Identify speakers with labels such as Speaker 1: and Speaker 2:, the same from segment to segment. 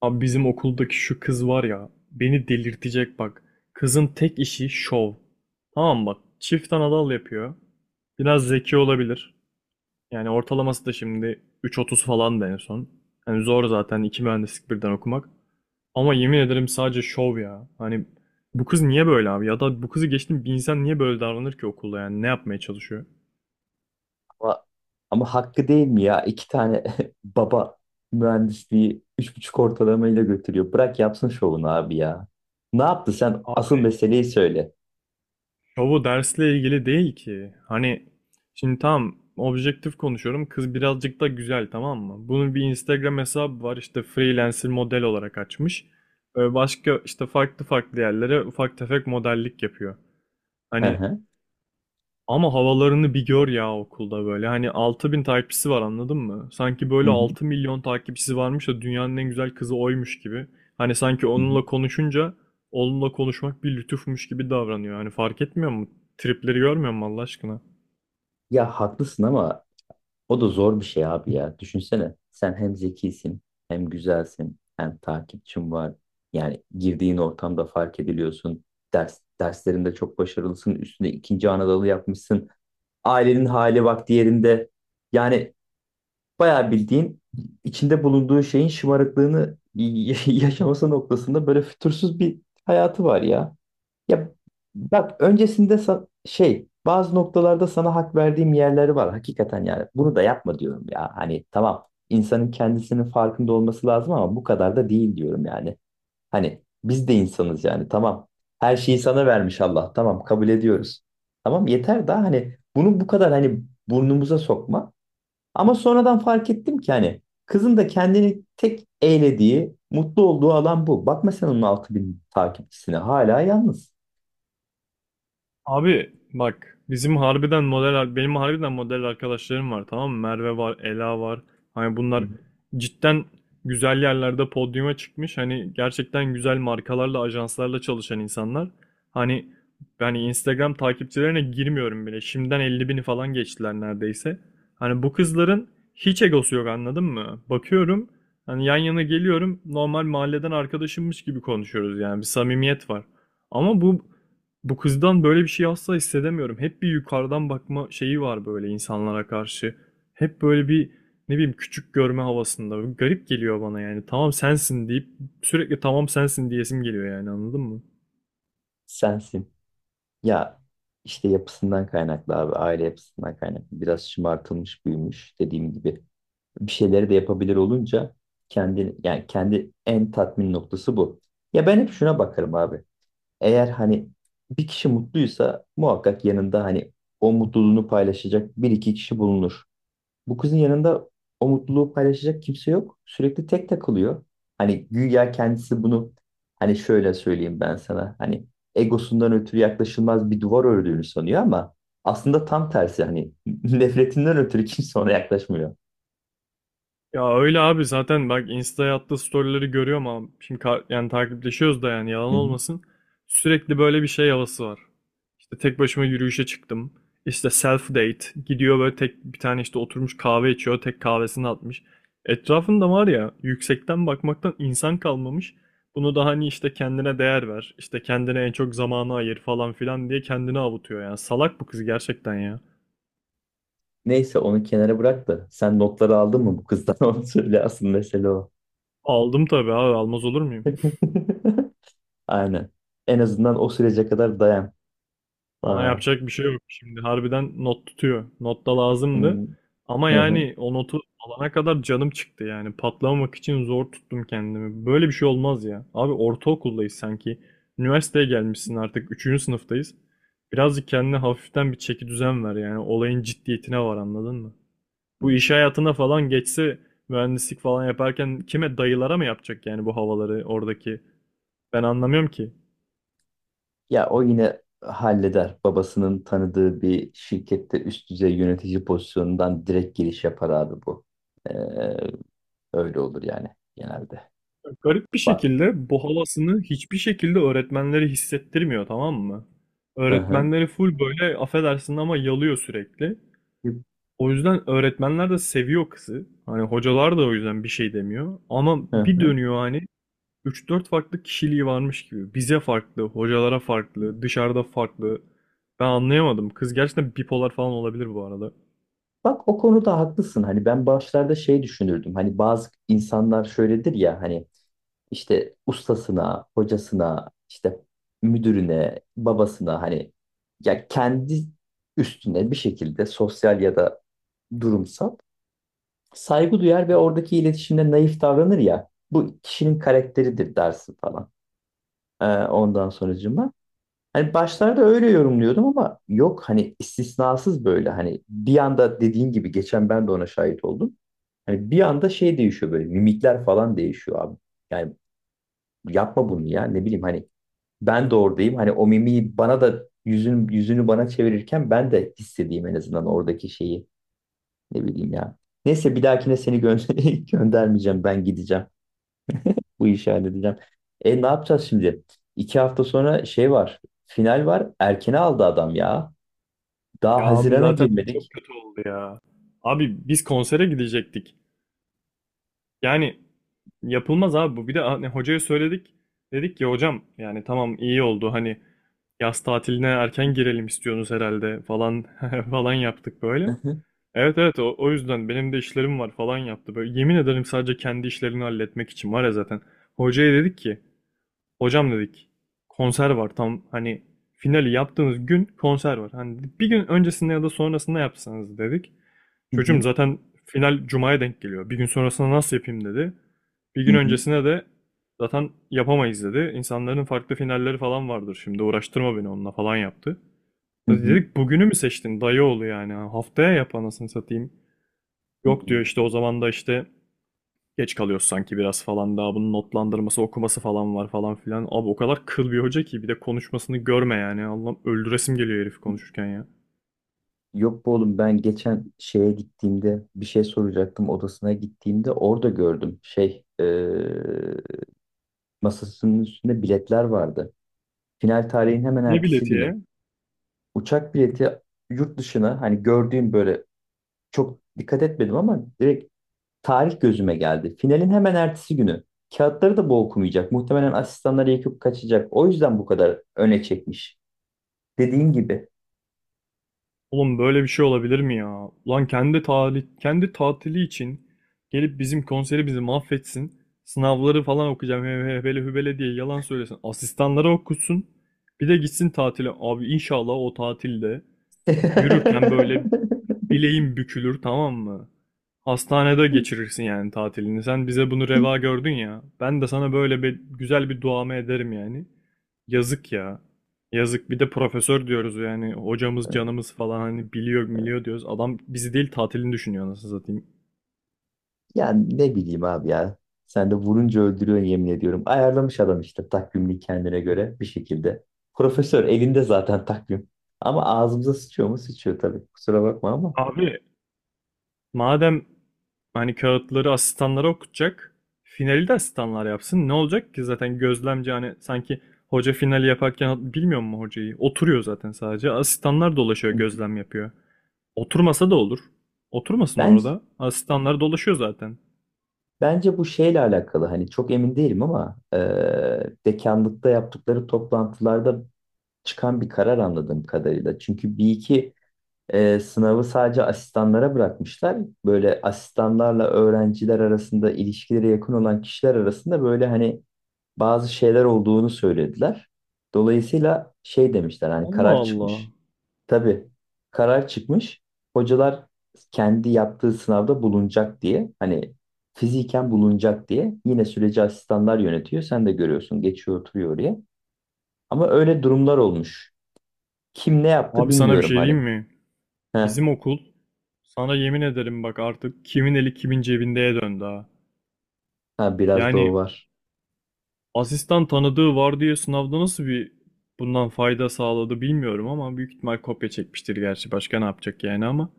Speaker 1: Abi bizim okuldaki şu kız var ya beni delirtecek bak. Kızın tek işi şov. Tamam bak çift anadal yapıyor. Biraz zeki olabilir. Yani ortalaması da şimdi 3,30 falan da en son. Hani zor zaten iki mühendislik birden okumak. Ama yemin ederim sadece şov ya. Hani bu kız niye böyle abi? Ya da bu kızı geçtim bir insan niye böyle davranır ki okulda yani ne yapmaya çalışıyor?
Speaker 2: Ama, ama hakkı değil mi ya? İki tane baba mühendisliği üç buçuk ortalamayla götürüyor. Bırak yapsın şovunu abi ya. Ne yaptı sen? Asıl meseleyi söyle.
Speaker 1: Ya bu dersle ilgili değil ki. Hani şimdi tam objektif konuşuyorum. Kız birazcık da güzel tamam mı? Bunun bir Instagram hesabı var işte freelancer model olarak açmış. Başka işte farklı farklı yerlere ufak tefek modellik yapıyor.
Speaker 2: Hı
Speaker 1: Hani
Speaker 2: hı.
Speaker 1: ama havalarını bir gör ya okulda böyle. Hani 6.000 takipçisi var anladın mı? Sanki
Speaker 2: Hı
Speaker 1: böyle
Speaker 2: hı.
Speaker 1: 6.000.000 takipçisi varmış da dünyanın en güzel kızı oymuş gibi. Hani sanki
Speaker 2: Hı hı.
Speaker 1: onunla konuşunca onunla konuşmak bir lütufmuş gibi davranıyor. Hani fark etmiyor mu? Tripleri görmüyor mu Allah aşkına?
Speaker 2: Ya haklısın ama o da zor bir şey abi ya. Düşünsene. Sen hem zekisin, hem güzelsin, hem takipçin var. Yani girdiğin ortamda fark ediliyorsun. Ders, derslerinde çok başarılısın. Üstüne ikinci Anadolu yapmışsın. Ailenin hali vakti yerinde. Yani bayağı bildiğin içinde bulunduğu şeyin şımarıklığını yaşaması noktasında böyle fütursuz bir hayatı var ya. Ya bak öncesinde şey bazı noktalarda sana hak verdiğim yerleri var hakikaten yani bunu da yapma diyorum ya hani tamam insanın kendisinin farkında olması lazım ama bu kadar da değil diyorum yani hani biz de insanız yani tamam her şeyi sana vermiş Allah tamam kabul ediyoruz tamam yeter daha hani bunu bu kadar hani burnumuza sokma ama sonradan fark ettim ki hani kızın da kendini tek eğlediği mutlu olduğu alan bu bakma sen onun 6000 takipçisine hala yalnız.
Speaker 1: Abi bak bizim harbiden model benim harbiden model arkadaşlarım var tamam mı? Merve var, Ela var. Hani bunlar cidden güzel yerlerde podyuma çıkmış. Hani gerçekten güzel markalarla, ajanslarla çalışan insanlar. Hani yani Instagram takipçilerine girmiyorum bile. Şimdiden 50 bini falan geçtiler neredeyse. Hani bu kızların hiç egosu yok anladın mı? Bakıyorum hani yan yana geliyorum normal mahalleden arkadaşımmış gibi konuşuyoruz yani bir samimiyet var. Ama bu kızdan böyle bir şey asla hissedemiyorum. Hep bir yukarıdan bakma şeyi var böyle insanlara karşı. Hep böyle bir ne bileyim küçük görme havasında. Garip geliyor bana yani. Tamam sensin deyip sürekli tamam sensin diyesim geliyor yani anladın mı?
Speaker 2: Sensin. Ya işte yapısından kaynaklı abi. Aile yapısından kaynaklı. Biraz şımartılmış büyümüş dediğim gibi. Bir şeyleri de yapabilir olunca kendi yani kendi en tatmin noktası bu. Ya ben hep şuna bakarım abi. Eğer hani bir kişi mutluysa muhakkak yanında hani o mutluluğunu paylaşacak bir iki kişi bulunur. Bu kızın yanında o mutluluğu paylaşacak kimse yok. Sürekli tek takılıyor. Hani güya kendisi bunu hani şöyle söyleyeyim ben sana. Hani egosundan ötürü yaklaşılmaz bir duvar ördüğünü sanıyor ama aslında tam tersi hani nefretinden ötürü kimse ona yaklaşmıyor.
Speaker 1: Ya öyle abi zaten bak Insta'ya attığı storyleri görüyorum ama şimdi yani takipleşiyoruz da yani yalan
Speaker 2: Hı hı.
Speaker 1: olmasın. Sürekli böyle bir şey havası var. İşte tek başıma yürüyüşe çıktım. İşte self date gidiyor böyle tek bir tane işte oturmuş kahve içiyor tek kahvesini atmış. Etrafında var ya yüksekten bakmaktan insan kalmamış. Bunu da hani işte kendine değer ver işte kendine en çok zamanı ayır falan filan diye kendini avutuyor yani salak bu kız gerçekten ya.
Speaker 2: Neyse onu kenara bırak da sen notları aldın mı bu kızdan onu söyle asıl mesele o.
Speaker 1: Aldım tabii abi almaz olur muyum?
Speaker 2: Aynen. En azından o sürece kadar dayan.
Speaker 1: Ona
Speaker 2: Aa.
Speaker 1: yapacak bir şey yok. Şimdi harbiden not tutuyor. Not da
Speaker 2: Hı
Speaker 1: lazımdı. Ama
Speaker 2: hı. Hı
Speaker 1: yani o notu alana kadar canım çıktı yani. Patlamamak için zor tuttum kendimi. Böyle bir şey olmaz ya. Abi ortaokuldayız sanki. Üniversiteye gelmişsin artık. Üçüncü sınıftayız. Birazcık kendine hafiften bir çeki düzen ver yani. Olayın ciddiyetine var anladın mı?
Speaker 2: hı.
Speaker 1: Bu iş hayatına falan geçse mühendislik falan yaparken kime dayılara mı yapacak yani bu havaları oradaki? Ben anlamıyorum ki.
Speaker 2: Ya o yine halleder. Babasının tanıdığı bir şirkette üst düzey yönetici pozisyonundan direkt giriş yapar abi bu. Ee, öyle olur yani genelde.
Speaker 1: Garip bir
Speaker 2: Bak.
Speaker 1: şekilde bu havasını hiçbir şekilde öğretmenleri hissettirmiyor tamam mı?
Speaker 2: Hı hı.
Speaker 1: Öğretmenleri full böyle affedersin ama yalıyor sürekli. O yüzden öğretmenler de seviyor kızı. Hani hocalar da o yüzden bir şey demiyor. Ama
Speaker 2: Hı
Speaker 1: bir
Speaker 2: hı.
Speaker 1: dönüyor hani 3-4 farklı kişiliği varmış gibi. Bize farklı, hocalara farklı, dışarıda farklı. Ben anlayamadım. Kız gerçekten bipolar falan olabilir bu arada.
Speaker 2: Bak o konuda haklısın. Hani ben başlarda şey düşünürdüm. Hani bazı insanlar şöyledir ya hani işte ustasına, hocasına, işte müdürüne, babasına hani ya kendi üstüne bir şekilde sosyal ya da durumsal saygı duyar ve oradaki iletişimde naif davranır ya. Bu kişinin karakteridir dersin falan. Ondan sonracığıma. Hani başlarda öyle yorumluyordum ama yok hani istisnasız böyle hani bir anda dediğin gibi geçen ben de ona şahit oldum. Hani bir anda şey değişiyor böyle mimikler falan değişiyor abi. Yani yapma bunu ya ne bileyim hani ben de oradayım. Hani o mimiği bana da yüzünü, yüzünü bana çevirirken ben de hissedeyim en azından oradaki şeyi ne bileyim ya. Neyse bir dahakine seni göndermeyeceğim. Ben gideceğim. Bu işi halledeceğim. E ne yapacağız şimdi? İki hafta sonra şey var. Final var. Erkene aldı adam ya.
Speaker 1: Ya
Speaker 2: Daha
Speaker 1: abi
Speaker 2: Haziran'a
Speaker 1: zaten çok
Speaker 2: girmedik.
Speaker 1: kötü oldu ya. Abi biz konsere gidecektik. Yani yapılmaz abi bu. Bir de hani hocaya söyledik. Dedik ki hocam yani tamam iyi oldu hani yaz tatiline erken girelim istiyorsunuz herhalde falan falan yaptık
Speaker 2: Hı
Speaker 1: böyle.
Speaker 2: hı.
Speaker 1: Evet evet o yüzden benim de işlerim var falan yaptı. Böyle yemin ederim sadece kendi işlerini halletmek için var ya zaten. Hocaya dedik ki hocam dedik konser var tam hani finali yaptığımız gün konser var. Hani bir gün öncesinde ya da sonrasında yapsanız dedik.
Speaker 2: Hı
Speaker 1: Çocuğum
Speaker 2: hı.
Speaker 1: zaten final cumaya denk geliyor. Bir gün sonrasında nasıl yapayım dedi. Bir
Speaker 2: Hı
Speaker 1: gün
Speaker 2: hı.
Speaker 1: öncesine de zaten yapamayız dedi. İnsanların farklı finalleri falan vardır şimdi uğraştırma beni onunla falan yaptı.
Speaker 2: Hı hı.
Speaker 1: Dedik bugünü mü seçtin dayı oğlu yani haftaya yap anasını satayım.
Speaker 2: Hı
Speaker 1: Yok diyor
Speaker 2: hı.
Speaker 1: işte o zaman da işte geç kalıyoruz sanki biraz falan daha bunun notlandırması okuması falan var falan filan. Abi o kadar kıl bir hoca ki bir de konuşmasını görme yani. Allah'ım öldüresim geliyor herif konuşurken ya.
Speaker 2: Yok bu oğlum ben geçen şeye gittiğimde bir şey soracaktım odasına gittiğimde orada gördüm şey masasının üstünde biletler vardı. Final tarihin hemen
Speaker 1: Ne
Speaker 2: ertesi
Speaker 1: bileti
Speaker 2: günü.
Speaker 1: ya?
Speaker 2: Uçak bileti yurt dışına hani gördüğüm böyle çok dikkat etmedim ama direkt tarih gözüme geldi. Finalin hemen ertesi günü. Kağıtları da bu okumayacak. Muhtemelen asistanları yakıp kaçacak. O yüzden bu kadar öne çekmiş. Dediğin gibi.
Speaker 1: Oğlum böyle bir şey olabilir mi ya? Ulan kendi tatili için gelip bizim konseri bizi mahvetsin. Sınavları falan okuyacağım hele hübele diye yalan söylesin. Asistanlara okutsun. Bir de gitsin tatile. Abi inşallah o tatilde yürürken böyle bileğin bükülür tamam mı? Hastanede geçirirsin yani tatilini. Sen bize bunu reva gördün ya. Ben de sana böyle bir güzel bir duamı ederim yani. Yazık ya. Yazık bir de profesör diyoruz yani hocamız canımız falan hani biliyor biliyor diyoruz. Adam bizi değil tatilini düşünüyor nasıl satayım.
Speaker 2: Yani ne bileyim abi ya. Sen de vurunca öldürüyorsun yemin ediyorum. Ayarlamış adam işte takvimini kendine göre bir şekilde. Profesör elinde zaten takvim. Ama ağzımıza sıçıyor mu? Sıçıyor tabii. Kusura bakma ama.
Speaker 1: Abi madem hani kağıtları asistanlara okutacak, finali de asistanlar yapsın. Ne olacak ki zaten gözlemci hani sanki hoca finali yaparken bilmiyor mu hocayı? Oturuyor zaten sadece. Asistanlar dolaşıyor,
Speaker 2: Hı.
Speaker 1: gözlem yapıyor. Oturmasa da olur. Oturmasın
Speaker 2: Ben
Speaker 1: orada. Asistanlar dolaşıyor zaten.
Speaker 2: Bence bu şeyle alakalı hani çok emin değilim ama dekanlıkta yaptıkları toplantılarda çıkan bir karar anladığım kadarıyla. Çünkü bir iki sınavı sadece asistanlara bırakmışlar. Böyle asistanlarla öğrenciler arasında ilişkileri yakın olan kişiler arasında böyle hani bazı şeyler olduğunu söylediler. Dolayısıyla şey demişler hani
Speaker 1: Allah
Speaker 2: karar
Speaker 1: Allah.
Speaker 2: çıkmış. Tabii karar çıkmış. Hocalar kendi yaptığı sınavda bulunacak diye hani fiziken bulunacak diye yine süreci asistanlar yönetiyor. Sen de görüyorsun geçiyor oturuyor oraya. Ama öyle durumlar olmuş. Kim ne yaptı
Speaker 1: Abi sana bir
Speaker 2: bilmiyorum
Speaker 1: şey
Speaker 2: hani.
Speaker 1: diyeyim mi?
Speaker 2: Heh,
Speaker 1: Bizim okul sana yemin ederim bak artık kimin eli kimin cebindeye döndü ha.
Speaker 2: ha, biraz da o
Speaker 1: Yani
Speaker 2: var.
Speaker 1: asistan tanıdığı var diye sınavda nasıl bir bundan fayda sağladı bilmiyorum ama büyük ihtimal kopya çekmiştir gerçi. Başka ne yapacak yani ama.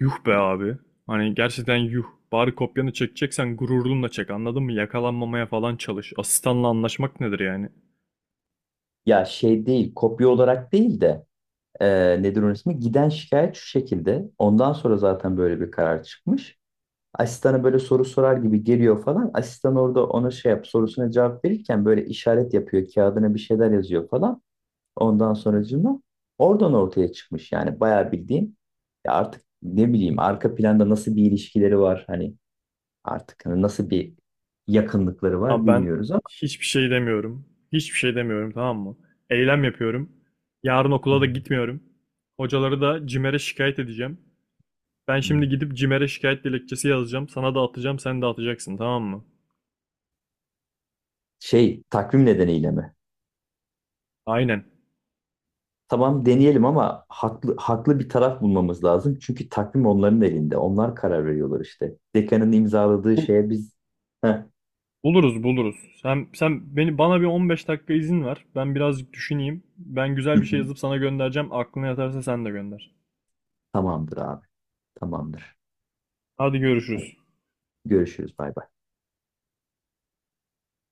Speaker 1: Yuh be abi. Hani gerçekten yuh. Bari kopyanı çekeceksen gururunla çek anladın mı? Yakalanmamaya falan çalış. Asistanla anlaşmak nedir yani?
Speaker 2: Ya şey değil kopya olarak değil de e, nedir onun ismi? Giden şikayet şu şekilde. Ondan sonra zaten böyle bir karar çıkmış. Asistana böyle soru sorar gibi geliyor falan. Asistan orada ona şey yap sorusuna cevap verirken böyle işaret yapıyor. Kağıdına bir şeyler yazıyor falan. Ondan sonracığıma oradan ortaya çıkmış. Yani bayağı bildiğin ya artık ne bileyim arka planda nasıl bir ilişkileri var hani artık hani nasıl bir yakınlıkları var
Speaker 1: Abi ben
Speaker 2: bilmiyoruz ama
Speaker 1: hiçbir şey demiyorum. Hiçbir şey demiyorum tamam mı? Eylem yapıyorum. Yarın okula da gitmiyorum. Hocaları da CİMER'e şikayet edeceğim. Ben
Speaker 2: Hmm.
Speaker 1: şimdi gidip CİMER'e şikayet dilekçesi yazacağım. Sana da atacağım, sen de atacaksın tamam mı?
Speaker 2: Şey takvim nedeniyle mi?
Speaker 1: Aynen.
Speaker 2: Tamam deneyelim ama haklı bir taraf bulmamız lazım. Çünkü takvim onların elinde. Onlar karar veriyorlar işte. Dekanın imzaladığı
Speaker 1: Bul-
Speaker 2: şeye biz Heh.
Speaker 1: buluruz. Sen beni bana bir 15 dakika izin ver. Ben birazcık düşüneyim. Ben
Speaker 2: Hı
Speaker 1: güzel bir şey
Speaker 2: hı.
Speaker 1: yazıp sana göndereceğim. Aklına yatarsa sen de gönder.
Speaker 2: Tamamdır abi. Tamamdır.
Speaker 1: Hadi görüşürüz.
Speaker 2: Görüşürüz. Bay bay.